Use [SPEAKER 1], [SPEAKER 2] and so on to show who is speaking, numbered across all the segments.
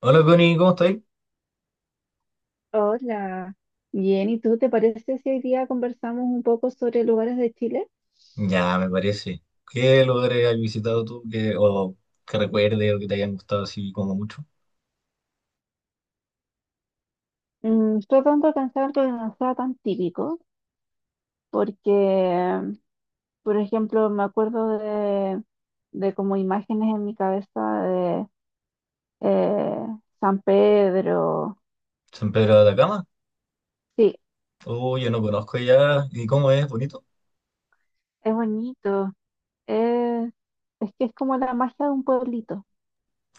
[SPEAKER 1] Hola Connie, ¿cómo estáis?
[SPEAKER 2] Hola, bien, ¿y tú te parece si hoy día conversamos un poco sobre lugares de Chile?
[SPEAKER 1] Ya, me parece. ¿Qué lugares has visitado tú que, o que recuerde o que te hayan gustado así como mucho?
[SPEAKER 2] Mm, tratando de pensar algo que no sea tan típico, porque, por ejemplo, me acuerdo de como imágenes en mi cabeza de eh, San Pedro.
[SPEAKER 1] ¿San Pedro de Atacama?
[SPEAKER 2] Sí,
[SPEAKER 1] Oh, yo no conozco ya. ¿Y cómo es? ¿Bonito?
[SPEAKER 2] es bonito, es, es que es como la magia de un pueblito,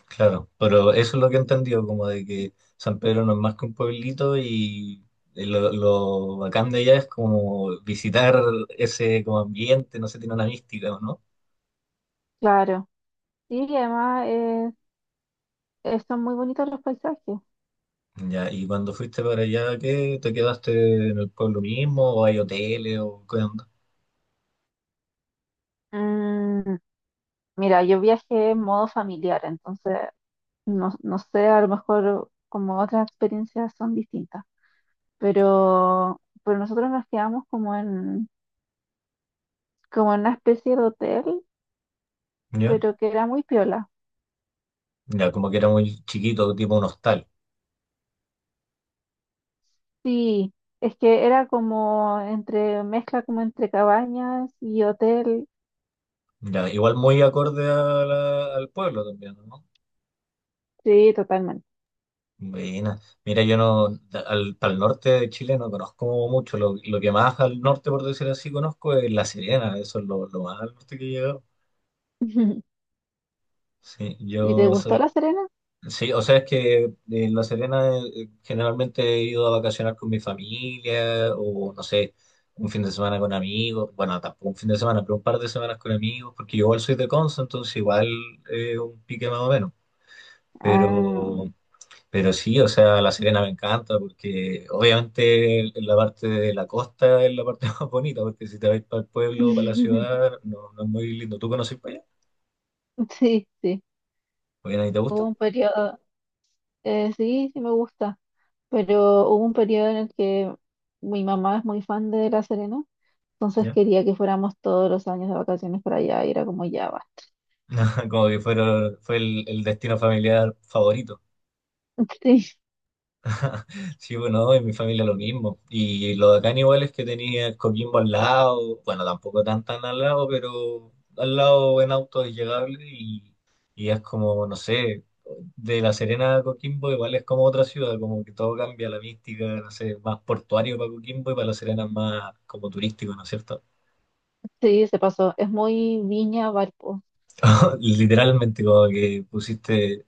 [SPEAKER 1] Claro, pero eso es lo que he entendido, como de que San Pedro no es más que un pueblito y lo bacán de allá es como visitar ese como ambiente, no sé, tiene una mística, ¿o no?
[SPEAKER 2] claro. Sí, y además son muy bonitos los paisajes.
[SPEAKER 1] Ya, y cuando fuiste para allá, ¿qué? ¿Te quedaste en el pueblo mismo o hay hoteles o qué onda?
[SPEAKER 2] Mm, mira, yo viajé en modo familiar, entonces no, no sé, a lo mejor como otras experiencias son distintas, pero nosotros nos quedamos como en una especie de hotel,
[SPEAKER 1] Ya.
[SPEAKER 2] pero que era muy piola.
[SPEAKER 1] Ya, como que era muy chiquito, tipo un hostal.
[SPEAKER 2] Sí, es que era como entre mezcla como entre cabañas y hotel,
[SPEAKER 1] Ya, igual muy acorde a al pueblo también, ¿no?
[SPEAKER 2] sí, totalmente.
[SPEAKER 1] Buena. Mira, yo no, al norte de Chile no conozco mucho. Lo que más al norte, por decir así, conozco es La Serena. Eso es lo más al norte que he llegado. Sí,
[SPEAKER 2] ¿Y te
[SPEAKER 1] yo
[SPEAKER 2] gustó
[SPEAKER 1] soy.
[SPEAKER 2] La Serena?
[SPEAKER 1] Sí, o sea, es que en La Serena generalmente he ido a vacacionar con mi familia o no sé, un fin de semana con amigos, bueno, tampoco un fin de semana, pero un par de semanas con amigos, porque yo igual soy de Conce, entonces igual un pique más o menos.
[SPEAKER 2] Ah.
[SPEAKER 1] Pero, pero sí, o sea, La Serena me encanta porque obviamente la parte de la costa es la parte más bonita, porque si te vas para el pueblo o para la ciudad, no, no es muy lindo. ¿Tú conoces para allá?
[SPEAKER 2] Sí, sí,
[SPEAKER 1] ¿O bien ahí te
[SPEAKER 2] hubo
[SPEAKER 1] gusta?
[SPEAKER 2] un periodo, sí, sí me gusta. Pero hubo un periodo en el que mi mamá es muy fan de La Serena, entonces
[SPEAKER 1] Ya.
[SPEAKER 2] quería que fuéramos todos los años de vacaciones para allá y era como ya va.
[SPEAKER 1] Como que fueron, fue el destino familiar favorito.
[SPEAKER 2] Sí,
[SPEAKER 1] Sí, bueno, no, en mi familia lo mismo. Y lo de acá igual es que tenía Coquimbo al lado, bueno, tampoco tan tan al lado, pero al lado en auto es llegable y es como, no sé, de La Serena a Coquimbo igual es como otra ciudad, como que todo cambia, la mística, no sé, más portuario para Coquimbo y para La Serena es más como turístico, ¿no es cierto?
[SPEAKER 2] sí, se pasó. Es muy Viña Valpo.
[SPEAKER 1] Literalmente como que pusiste.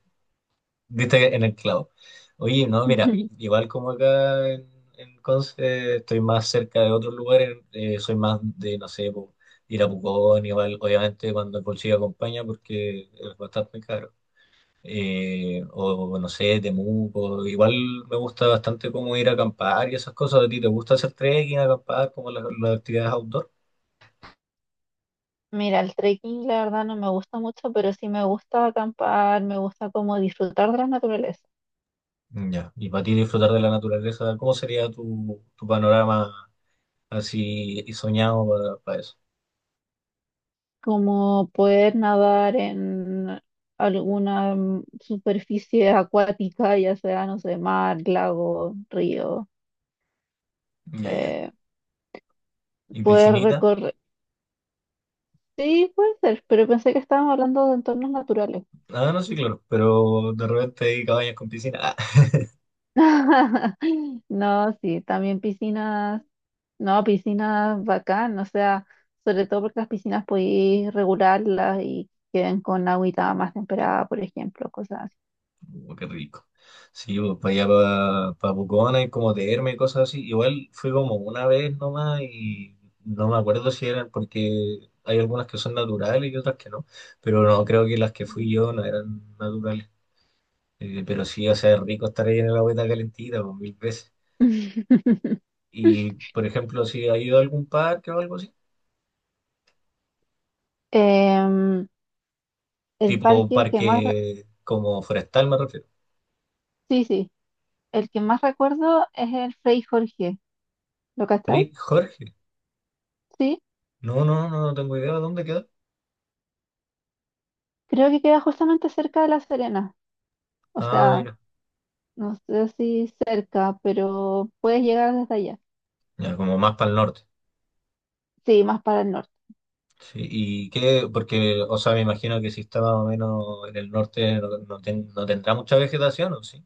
[SPEAKER 1] Diste en el clavo. Oye, no, mira, igual como en Conce, estoy más cerca de otros lugares, soy más de, no sé, po, ir a Pucón, igual, obviamente cuando el bolsillo acompaña, porque es bastante caro. O no sé, Temuco, igual me gusta bastante como ir a acampar y esas cosas. ¿A ti te gusta hacer trekking, acampar, como las actividades outdoor?
[SPEAKER 2] Mira, el trekking la verdad no me gusta mucho, pero sí me gusta acampar, me gusta como disfrutar de la naturaleza,
[SPEAKER 1] Ya. Y para ti disfrutar de la naturaleza, ¿cómo sería tu panorama así y soñado para eso?
[SPEAKER 2] como poder nadar en alguna superficie acuática, ya sea, no sé, mar, lago, río,
[SPEAKER 1] Ya, ya.
[SPEAKER 2] eh,
[SPEAKER 1] Y
[SPEAKER 2] poder
[SPEAKER 1] piscinita.
[SPEAKER 2] recorrer, sí, puede ser, pero pensé que estábamos hablando de entornos naturales.
[SPEAKER 1] Ah, no, sí, claro. Pero de repente hay cabañas con piscina. Ah,
[SPEAKER 2] No, sí, también piscinas, no, piscinas bacán, o sea, sobre todo porque las piscinas podéis regularlas y queden con agüita más temperada, por ejemplo, cosas
[SPEAKER 1] qué rico. Sí, pues para allá, para Pucón, hay como termas y cosas así. Igual fui como una vez nomás y no me acuerdo si eran porque hay algunas que son naturales y otras que no. Pero no, creo que las que
[SPEAKER 2] así.
[SPEAKER 1] fui yo no eran naturales. Pero sí, o sea, es rico estar ahí en la agüita calentita, pues mil veces. Y, por ejemplo, si ha ido a algún parque o algo así,
[SPEAKER 2] Em, el
[SPEAKER 1] tipo
[SPEAKER 2] parque que más,
[SPEAKER 1] parque como forestal, me refiero.
[SPEAKER 2] sí, sí, el que más recuerdo es el Frei Jorge, ¿lo cacháis?
[SPEAKER 1] Pri- Jorge.
[SPEAKER 2] Sí,
[SPEAKER 1] No, no, no, no tengo idea de dónde queda.
[SPEAKER 2] creo que queda justamente cerca de La Serena, o
[SPEAKER 1] Ah,
[SPEAKER 2] sea,
[SPEAKER 1] mira.
[SPEAKER 2] no sé si cerca, pero puedes llegar desde allá.
[SPEAKER 1] Ya, como más para el norte.
[SPEAKER 2] Sí, más para el norte.
[SPEAKER 1] Sí, y qué, porque, o sea, me imagino que si está más o menos en el norte no, no tendrá mucha vegetación, ¿o sí?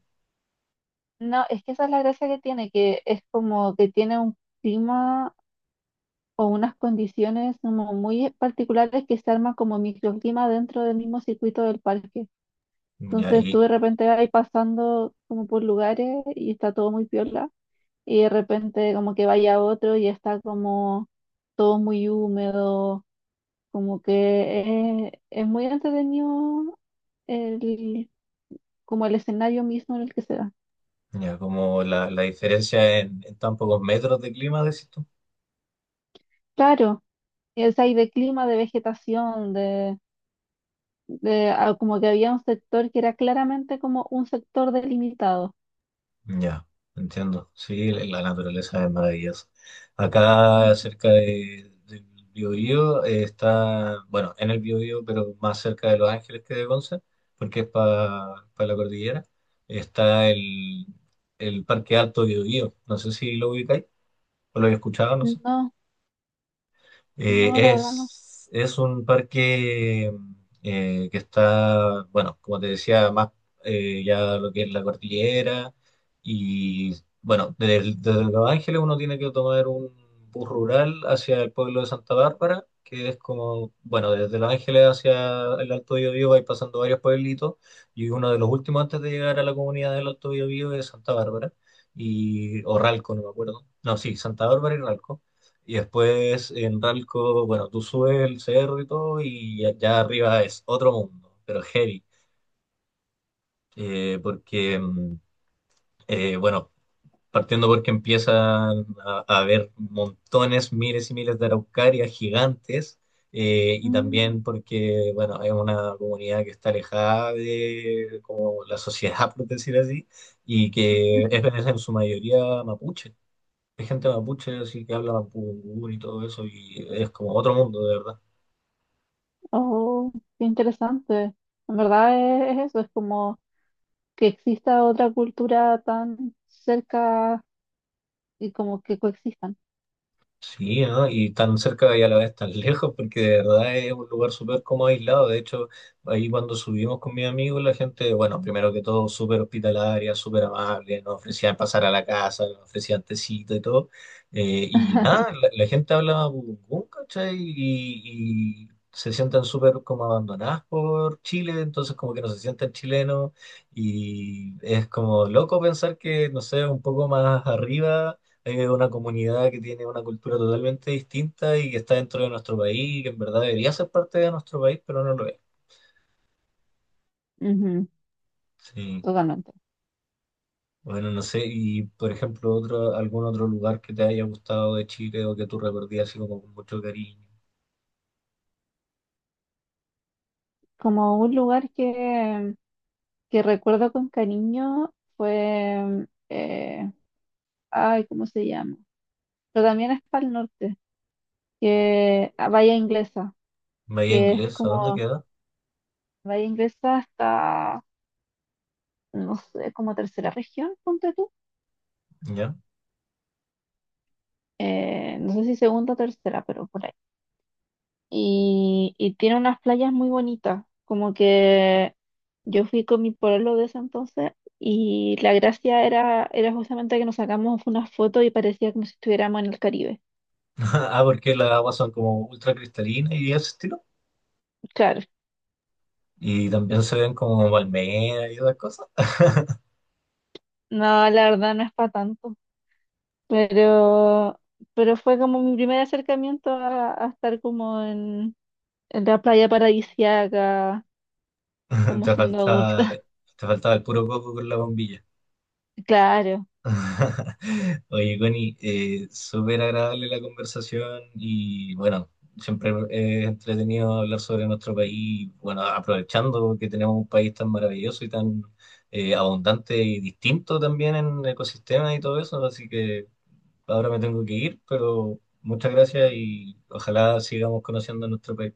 [SPEAKER 2] No, es que esa es la gracia que tiene, que es como que tiene un clima o unas condiciones como muy particulares que se arman como microclima dentro del mismo circuito del parque.
[SPEAKER 1] Ya,
[SPEAKER 2] Entonces tú
[SPEAKER 1] y
[SPEAKER 2] de repente vas pasando como por lugares y está todo muy piola y de repente como que vaya a otro y está como todo muy húmedo, como que es muy entretenido el como el escenario mismo en el que se da.
[SPEAKER 1] ya, como la diferencia en tan pocos metros de clima, decís tú.
[SPEAKER 2] Claro, es ahí de clima, de vegetación, de, como que había un sector que era claramente como un sector delimitado.
[SPEAKER 1] Ya, entiendo. Sí, la la naturaleza es maravillosa. Acá
[SPEAKER 2] Ujú.
[SPEAKER 1] cerca del Biobío está, bueno, en el Biobío, pero más cerca de Los Ángeles que de Conce, porque es para la cordillera, está el Parque Alto Biobío. No sé si lo ubicáis o lo habéis escuchado, no sé.
[SPEAKER 2] No, no, la verdad no.
[SPEAKER 1] Es un parque que está, bueno, como te decía, más ya lo que es la cordillera y, bueno, desde Los Ángeles uno tiene que tomar un bus rural hacia el pueblo de Santa Bárbara, que es como, bueno, desde Los Ángeles hacia el Alto Biobío vais pasando varios pueblitos y uno de los últimos antes de llegar a la comunidad del Alto Biobío es Santa Bárbara y, o Ralco, no me acuerdo. No, sí, Santa Bárbara y Ralco. Y después en Ralco, bueno, tú subes el cerro y todo, y allá arriba es otro mundo, pero heavy. Eh, porque, mm, bueno, partiendo porque empiezan a haber montones, miles y miles de araucarias gigantes, y
[SPEAKER 2] Mm,
[SPEAKER 1] también porque, bueno, es una comunidad que está alejada de como la sociedad, por decir así, y que es en su mayoría mapuche. Hay gente mapuche, así que habla mapudungún y todo eso, y es como otro mundo, de verdad.
[SPEAKER 2] oh, qué interesante. En verdad es eso, es como que exista otra cultura tan cerca y como que coexistan.
[SPEAKER 1] Sí, ¿no? Y tan cerca y a la vez tan lejos, porque de verdad es un lugar súper como aislado. De hecho, ahí cuando subimos con mis amigos, la gente, bueno, primero que todo, súper hospitalaria, súper amable, nos ofrecían pasar a la casa, nos ofrecían tecito y todo. Y nada, la gente habla burungún, ¿cachai? Y se sienten súper como abandonadas por Chile, entonces como que no se sienten chilenos. Y es como loco pensar que, no sé, un poco más arriba es una comunidad que tiene una cultura totalmente distinta y que está dentro de nuestro país y que en verdad debería ser parte de nuestro país, pero no lo es.
[SPEAKER 2] Ujú,
[SPEAKER 1] Sí.
[SPEAKER 2] totalmente.
[SPEAKER 1] Bueno, no sé, y por ejemplo, otro, algún otro lugar que te haya gustado de Chile o que tú recordarías así como con mucho cariño.
[SPEAKER 2] Como un lugar que recuerdo con cariño fue ay, ¿cómo se llama? Pero también es para el norte, que a Bahía Inglesa,
[SPEAKER 1] Bahía
[SPEAKER 2] que es
[SPEAKER 1] Inglesa, ¿a dónde
[SPEAKER 2] como,
[SPEAKER 1] queda?
[SPEAKER 2] Bahía Inglesa está, no sé, como tercera región, ponte tú.
[SPEAKER 1] ¿Ya?
[SPEAKER 2] No sé si segunda o tercera, pero por ahí. Y tiene unas playas muy bonitas, como que yo fui con mi pueblo de ese entonces y la gracia era justamente que nos sacamos unas fotos y parecía como si estuviéramos en el Caribe.
[SPEAKER 1] Ah, porque las aguas son como ultra cristalinas y ese estilo.
[SPEAKER 2] Claro,
[SPEAKER 1] Y también se ven como palmeras y otras cosas.
[SPEAKER 2] no, la verdad no es para tanto. Pero, pero fue como mi primer acercamiento a estar como en la playa paradisíaca, como siendo adulta.
[SPEAKER 1] Te faltaba el puro coco con la bombilla.
[SPEAKER 2] Claro.
[SPEAKER 1] Oye, Connie, súper agradable la conversación y bueno, siempre es entretenido hablar sobre nuestro país, bueno, aprovechando que tenemos un país tan maravilloso y tan abundante y distinto también en ecosistemas y todo eso, así que ahora me tengo que ir, pero muchas gracias y ojalá sigamos conociendo nuestro país.